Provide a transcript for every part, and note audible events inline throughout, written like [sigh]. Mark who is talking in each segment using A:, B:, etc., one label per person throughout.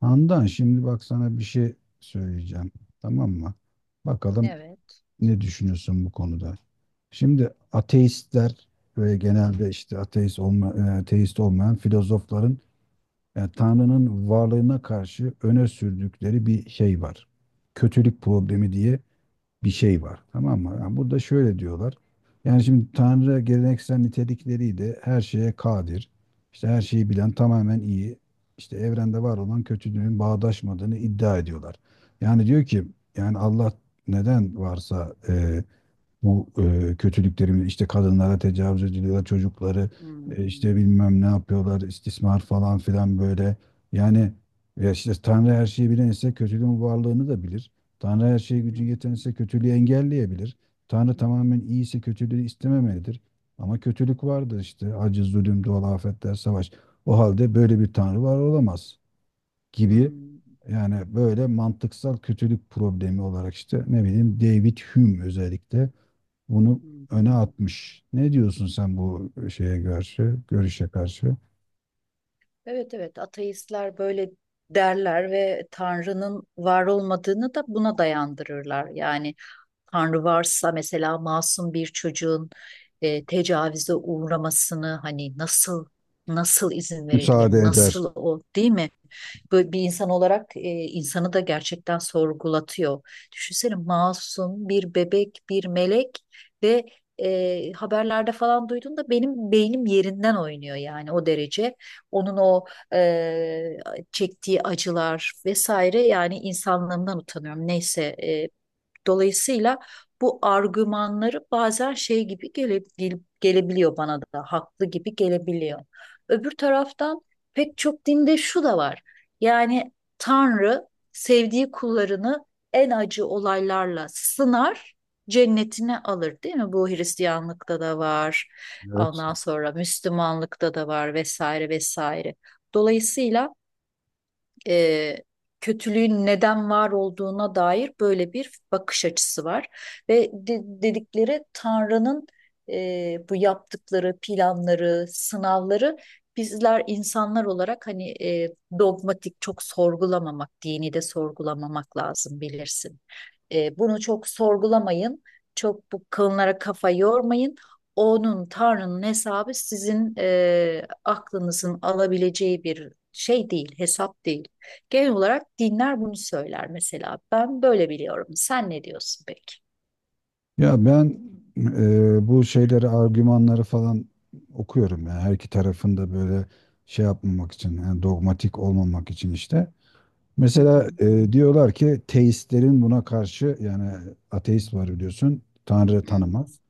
A: Handan şimdi bak sana bir şey söyleyeceğim. Tamam mı? Bakalım
B: Evet.
A: ne düşünüyorsun bu konuda. Şimdi ateistler ve genelde işte ateist olmayan filozofların Tanrı'nın varlığına karşı öne sürdükleri bir şey var. Kötülük problemi diye bir şey var. Tamam mı? Yani burada şöyle diyorlar. Yani şimdi Tanrı geleneksel nitelikleriyle her şeye kadir. İşte her şeyi bilen tamamen iyi. İşte evrende var olan kötülüğün bağdaşmadığını iddia ediyorlar. Yani diyor ki yani Allah neden varsa bu kötülüklerimiz işte kadınlara tecavüz ediliyor, çocukları
B: Hmm,
A: işte bilmem ne yapıyorlar, istismar falan filan böyle. Yani ya işte Tanrı her şeyi bilen ise kötülüğün varlığını da bilir. Tanrı her şeye gücü
B: evet.
A: yeten ise kötülüğü engelleyebilir. Tanrı tamamen iyi ise kötülüğü istememelidir. Ama kötülük vardır işte acı, zulüm, doğal afetler, savaş. O halde böyle bir Tanrı var olamaz gibi.
B: Hmm,
A: Yani böyle mantıksal kötülük problemi olarak işte ne bileyim, David Hume özellikle bunu
B: hı
A: öne
B: hı.
A: atmış. Ne diyorsun sen bu şeye karşı, görüşe karşı?
B: Evet, evet, ateistler böyle derler ve Tanrı'nın var olmadığını da buna dayandırırlar. Yani Tanrı varsa mesela masum bir çocuğun tecavüze uğramasını hani nasıl izin verebilir?
A: Müsaade eder.
B: Nasıl o değil mi? Böyle bir insan olarak insanı da gerçekten sorgulatıyor. Düşünsene masum bir bebek, bir melek ve haberlerde falan duyduğumda benim beynim yerinden oynuyor yani o derece onun o e, çektiği acılar vesaire yani insanlığımdan utanıyorum. Neyse, dolayısıyla bu argümanları bazen şey gibi gelebiliyor, bana da haklı gibi gelebiliyor. Öbür taraftan pek çok dinde şu da var. Yani Tanrı sevdiği kullarını en acı olaylarla sınar, cennetine alır değil mi? Bu Hristiyanlıkta da var.
A: Evet.
B: Ondan sonra Müslümanlıkta da var vesaire vesaire. Dolayısıyla e, kötülüğün neden var olduğuna dair böyle bir bakış açısı var. Ve dedikleri Tanrı'nın bu yaptıkları planları, sınavları bizler insanlar olarak hani dogmatik, çok sorgulamamak, dini de sorgulamamak lazım, bilirsin. Bunu çok sorgulamayın, çok bu konulara kafa yormayın. Onun, Tanrı'nın hesabı sizin aklınızın alabileceği bir şey değil, hesap değil. Genel olarak dinler bunu söyler mesela. Ben böyle biliyorum. Sen ne diyorsun peki?
A: Ya ben bu şeyleri, argümanları falan okuyorum. Yani her iki tarafın da böyle şey yapmamak için, yani dogmatik olmamak için işte.
B: Hı hı.
A: Mesela diyorlar ki teistlerin buna karşı yani ateist var, biliyorsun, Tanrı
B: Hı
A: tanımaz.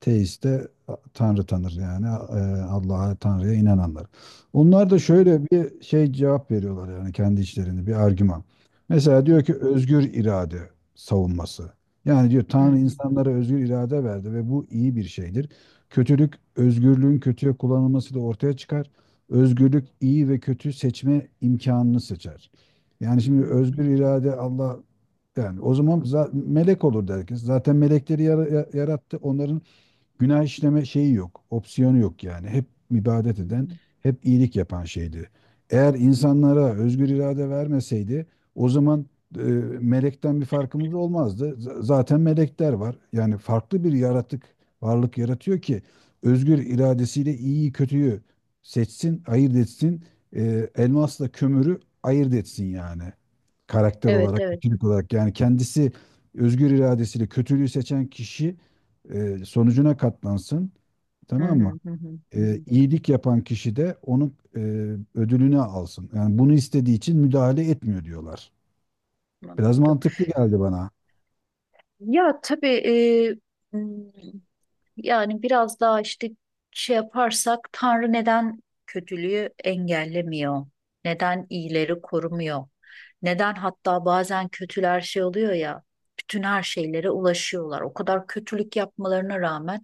A: Teist de Tanrı tanır yani Allah'a, Tanrı'ya inananlar. Onlar da
B: hı.
A: şöyle bir şey cevap veriyorlar yani kendi içlerinde bir argüman. Mesela
B: Hı hı.
A: diyor ki özgür irade savunması. Yani diyor,
B: Hı
A: Tanrı
B: hı.
A: insanlara özgür irade verdi ve bu iyi bir şeydir. Kötülük özgürlüğün kötüye kullanılmasıyla ortaya çıkar. Özgürlük iyi ve kötü seçme imkanını seçer. Yani
B: Hı
A: şimdi
B: hı.
A: özgür irade Allah, yani o zaman melek olur herkes. Zaten melekleri yarattı. Onların günah işleme şeyi yok. Opsiyonu yok yani. Hep ibadet
B: Hı
A: eden,
B: hı.
A: hep iyilik yapan şeydi. Eğer insanlara özgür irade vermeseydi o zaman e, melekten bir farkımız olmazdı. Zaten melekler var. Yani farklı bir yaratık, varlık yaratıyor ki özgür iradesiyle iyiyi kötüyü seçsin, ayırt etsin. Elmasla kömürü ayırt etsin yani, karakter
B: Evet,
A: olarak,
B: evet.
A: kötülük olarak. Yani kendisi özgür iradesiyle kötülüğü seçen kişi sonucuna katlansın,
B: Hı
A: tamam mı?
B: hı. Hı hı. Hı hı.
A: İyilik yapan kişi de onun ödülünü alsın. Yani bunu istediği için müdahale etmiyor diyorlar. Biraz
B: Anladım.
A: mantıklı geldi bana.
B: Ya tabii, e, m, yani biraz daha işte şey yaparsak, Tanrı neden kötülüğü engellemiyor? Neden iyileri korumuyor? Neden hatta bazen kötüler şey oluyor ya, bütün her şeylere ulaşıyorlar. O kadar kötülük yapmalarına rağmen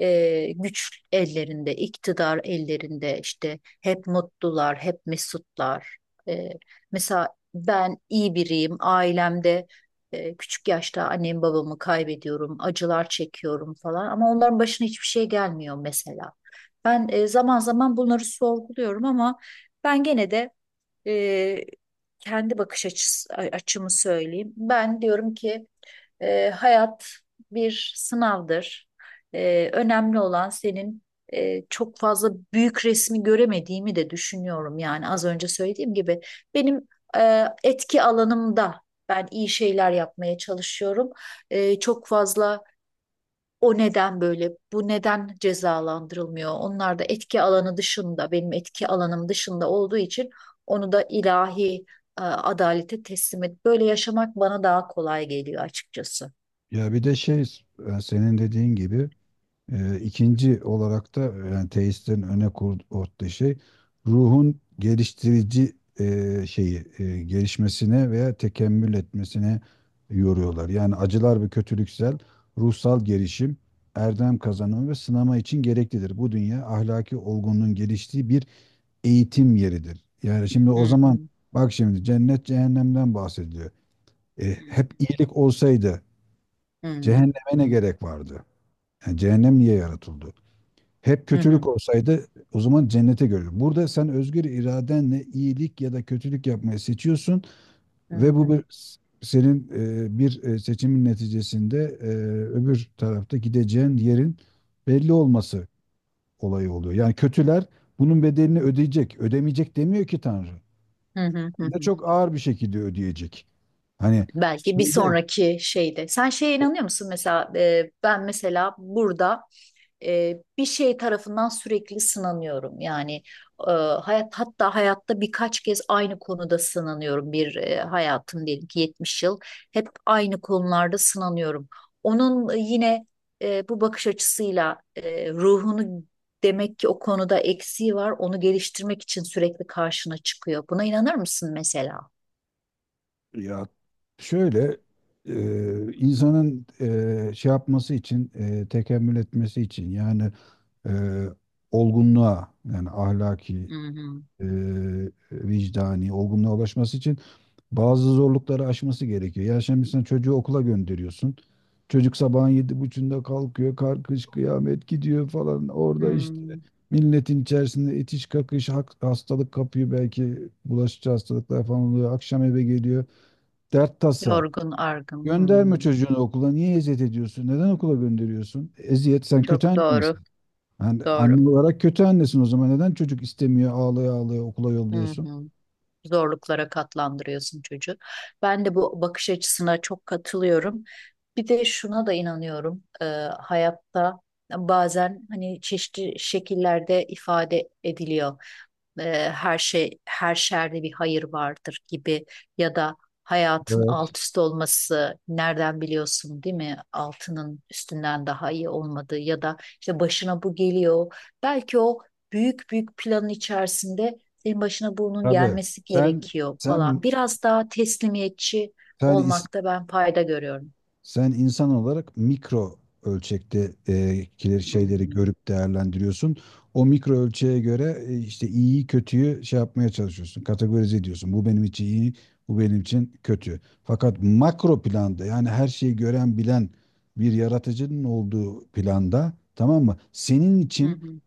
B: güç ellerinde, iktidar ellerinde, işte hep mutlular, hep mesutlar. E, Mesela ben iyi biriyim, ailemde küçük yaşta annemi babamı kaybediyorum, acılar çekiyorum falan, ama onların başına hiçbir şey gelmiyor mesela. Ben zaman zaman bunları sorguluyorum, ama ben gene de e, kendi bakış açısı, açımı söyleyeyim. Ben diyorum ki hayat bir sınavdır. Önemli olan senin çok fazla büyük resmi göremediğimi de düşünüyorum. Yani az önce söylediğim gibi benim etki alanımda ben iyi şeyler yapmaya çalışıyorum. Çok fazla o neden böyle, bu neden cezalandırılmıyor? Onlar da etki alanı dışında, benim etki alanım dışında olduğu için onu da ilahi adalete teslim et. Böyle yaşamak bana daha kolay geliyor açıkçası.
A: Ya bir de şey, senin dediğin gibi. İkinci olarak da yani teistlerin öne koyduğu şey, ruhun geliştirici şeyi gelişmesine veya tekemmül etmesine yoruyorlar. Yani acılar ve kötülüksel ruhsal gelişim, erdem kazanımı ve sınama için gereklidir. Bu dünya ahlaki olgunluğun geliştiği bir eğitim yeridir. Yani şimdi o
B: Hı
A: zaman
B: hı.
A: bak şimdi cennet cehennemden bahsediliyor.
B: Hı
A: Hep iyilik olsaydı cehenneme
B: hı.
A: ne gerek vardı? Yani cehennem niye yaratıldı? Hep
B: Hı
A: kötülük
B: hı.
A: olsaydı o zaman cennete görür. Burada sen özgür iradenle iyilik ya da kötülük yapmayı seçiyorsun
B: Hı
A: ve
B: hı.
A: bu bir, senin bir seçimin neticesinde öbür tarafta gideceğin yerin belli olması olayı oluyor. Yani kötüler bunun bedelini ödeyecek. Ödemeyecek demiyor ki Tanrı.
B: Hı hı. Hı
A: Hem de
B: hı.
A: çok ağır bir şekilde ödeyecek. Hani
B: Belki bir
A: şeyde
B: sonraki şeyde. Sen şeye inanıyor musun mesela? Ben mesela burada bir şey tarafından sürekli sınanıyorum. Yani hayat, hatta hayatta birkaç kez aynı konuda sınanıyorum. Bir, hayatım diyelim ki 70 yıl, hep aynı konularda sınanıyorum. Onun yine bu bakış açısıyla ruhunu, demek ki o konuda eksiği var. Onu geliştirmek için sürekli karşına çıkıyor. Buna inanır mısın mesela?
A: ya şöyle insanın şey yapması için tekemmül etmesi için, yani e, olgunluğa, yani ahlaki
B: Hı hı.
A: e, vicdani olgunluğa ulaşması için bazı zorlukları aşması gerekiyor. Ya şimdi sen çocuğu okula gönderiyorsun. Çocuk sabahın yedi buçuğunda kalkıyor, karkış kıyamet gidiyor falan. Orada işte
B: Hmm.
A: milletin içerisinde itiş kakış, hastalık kapıyor, belki bulaşıcı hastalıklar falan oluyor. Akşam eve geliyor. Dert tasa.
B: Yorgun, argın.
A: Gönderme
B: Hmm.
A: çocuğunu okula. Niye eziyet ediyorsun? Neden okula gönderiyorsun? Eziyet. Sen kötü
B: Çok
A: anne
B: doğru,
A: misin? Yani
B: doğru.
A: anne olarak kötü annesin o zaman. Neden çocuk istemiyor, ağlaya ağlaya okula
B: Hı
A: yolluyorsun?
B: hı. Zorluklara katlandırıyorsun çocuğu. Ben de bu bakış açısına çok katılıyorum. Bir de şuna da inanıyorum. Hayatta bazen hani çeşitli şekillerde ifade ediliyor. Her şey, her şerde bir hayır vardır gibi, ya da hayatın
A: Evet.
B: alt üst olması nereden biliyorsun değil mi? Altının üstünden daha iyi olmadığı, ya da işte başına bu geliyor. Belki o büyük büyük planın içerisinde en başına bunun
A: Abi,
B: gelmesi
A: sen
B: gerekiyor falan.
A: sen
B: Biraz daha teslimiyetçi
A: sen
B: olmakta ben fayda görüyorum.
A: Sen insan olarak mikro ölçekte
B: Hı
A: şeyleri
B: hı.
A: görüp değerlendiriyorsun. O mikro ölçeğe göre işte iyiyi kötüyü şey yapmaya çalışıyorsun. Kategorize ediyorsun. Bu benim için iyi, bu benim için kötü. Fakat makro planda, yani her şeyi gören bilen bir yaratıcının olduğu planda, tamam mı? Senin
B: Hı
A: için
B: hı.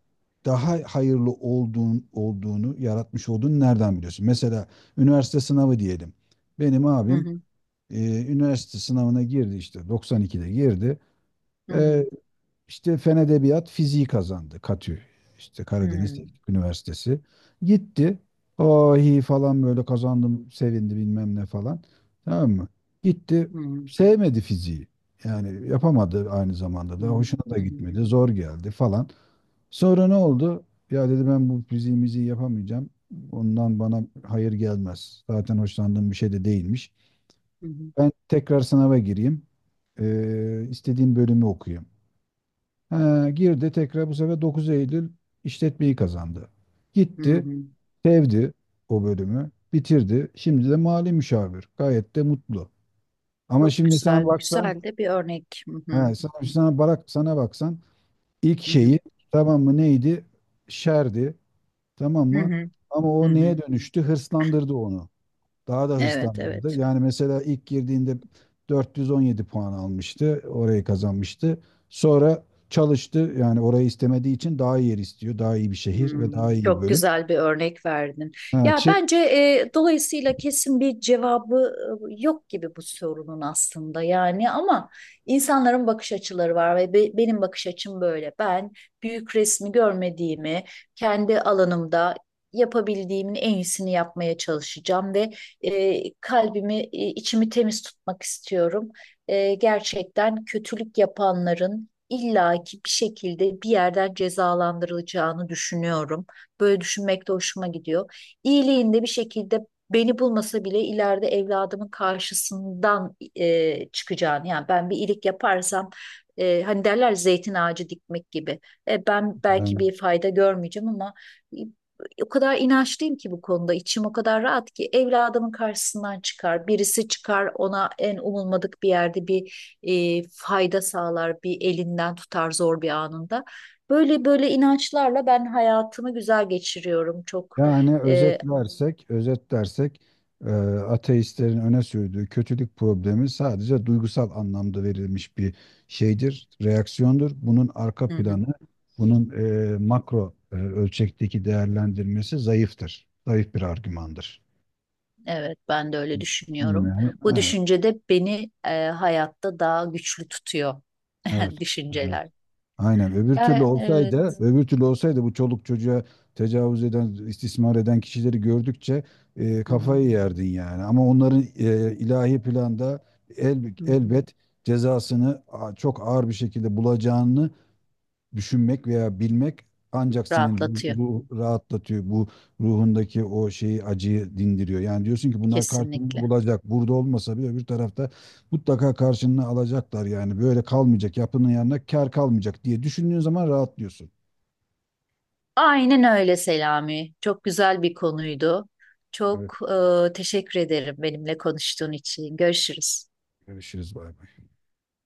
A: daha hayırlı olduğunu yaratmış olduğunu nereden biliyorsun? Mesela üniversite sınavı diyelim. Benim
B: Hı
A: abim
B: hı.
A: ee, üniversite sınavına girdi, işte 92'de girdi.
B: Hı
A: Ee,
B: hı.
A: işte Fen Edebiyat fiziği kazandı, Katü, işte Karadeniz
B: Hı
A: Teknik Üniversitesi. Gitti. Ahi falan, böyle kazandım, sevindi, bilmem ne falan. Tamam mı? Gitti,
B: hı. Hı hı.
A: sevmedi fiziği. Yani yapamadı, aynı zamanda
B: Hı
A: da hoşuna da
B: hı.
A: gitmedi, zor geldi falan. Sonra ne oldu? Ya dedi, ben bu fiziğimizi yapamayacağım. Ondan bana hayır gelmez. Zaten hoşlandığım bir şey de değilmiş.
B: Hı hı.
A: Ben tekrar sınava gireyim. İstediğim bölümü okuyayım. Ha, girdi tekrar, bu sefer Dokuz Eylül işletmeyi kazandı.
B: Hı
A: Gitti,
B: hı.
A: sevdi o bölümü, bitirdi. Şimdi de mali müşavir. Gayet de mutlu. Ama
B: Çok
A: şimdi
B: güzel,
A: sen baksan,
B: güzel de bir örnek. Hı hı.
A: he, sana baksan ilk
B: Hı
A: şeyi,
B: hı.
A: tamam mı, neydi? Şerdi. Tamam
B: Hı
A: mı?
B: hı.
A: Ama
B: Hı
A: o
B: hı.
A: neye dönüştü? Hırslandırdı onu. Daha da
B: Evet,
A: hırslandı.
B: evet.
A: Yani mesela ilk girdiğinde 417 puan almıştı. Orayı kazanmıştı. Sonra çalıştı. Yani orayı istemediği için daha iyi yer istiyor. Daha iyi bir şehir ve daha
B: Hmm,
A: iyi bir
B: çok
A: bölüm.
B: güzel bir örnek verdin.
A: Ha,
B: Ya bence dolayısıyla kesin bir cevabı yok gibi bu sorunun aslında, yani ama insanların bakış açıları var ve benim bakış açım böyle. Ben büyük resmi görmediğimi, kendi alanımda yapabildiğimin en iyisini yapmaya çalışacağım ve kalbimi, içimi temiz tutmak istiyorum. Gerçekten kötülük yapanların illaki bir şekilde bir yerden cezalandırılacağını düşünüyorum. Böyle düşünmek de hoşuma gidiyor. İyiliğinde bir şekilde beni bulmasa bile ileride evladımın karşısından çıkacağını, yani ben bir iyilik yaparsam, hani derler, zeytin ağacı dikmek gibi. Ben belki bir fayda görmeyeceğim, ama e, o kadar inançlıyım ki bu konuda, içim o kadar rahat ki evladımın karşısından çıkar, birisi çıkar ona en umulmadık bir yerde bir fayda sağlar, bir elinden tutar zor bir anında. Böyle böyle inançlarla ben hayatımı güzel geçiriyorum. Çok
A: yani
B: e,
A: özetlersek, özetlersek e, ateistlerin öne sürdüğü kötülük problemi sadece duygusal anlamda verilmiş bir şeydir, reaksiyondur. Bunun
B: hı
A: arka
B: hı,
A: planı, bunun makro ölçekteki değerlendirmesi zayıftır. Zayıf bir argümandır.
B: evet, ben de öyle düşünüyorum.
A: Bilmiyorum.
B: Bu
A: Evet,
B: düşünce de beni hayatta daha güçlü tutuyor.
A: evet.
B: [laughs]
A: Evet.
B: Düşünceler.
A: Aynen. Öbür türlü
B: Ya
A: olsaydı,
B: evet.
A: öbür türlü olsaydı bu çoluk çocuğa tecavüz eden, istismar eden kişileri gördükçe
B: Hı hı.
A: kafayı yerdin yani. Ama onların ilahi planda
B: Hı hı.
A: elbet cezasını çok ağır bir şekilde bulacağını düşünmek veya bilmek ancak senin
B: Rahatlatıyor
A: ruh rahatlatıyor. Bu ruhundaki o şeyi, acıyı dindiriyor. Yani diyorsun ki bunlar karşılığını
B: kesinlikle.
A: bulacak. Burada olmasa bile öbür tarafta mutlaka karşılığını alacaklar yani. Böyle kalmayacak. Yapının yanına kar kalmayacak diye düşündüğün zaman rahatlıyorsun.
B: Aynen öyle Selami. Çok güzel bir konuydu.
A: Evet,
B: Çok teşekkür ederim benimle konuştuğun için. Görüşürüz.
A: görüşürüz. Bay bay.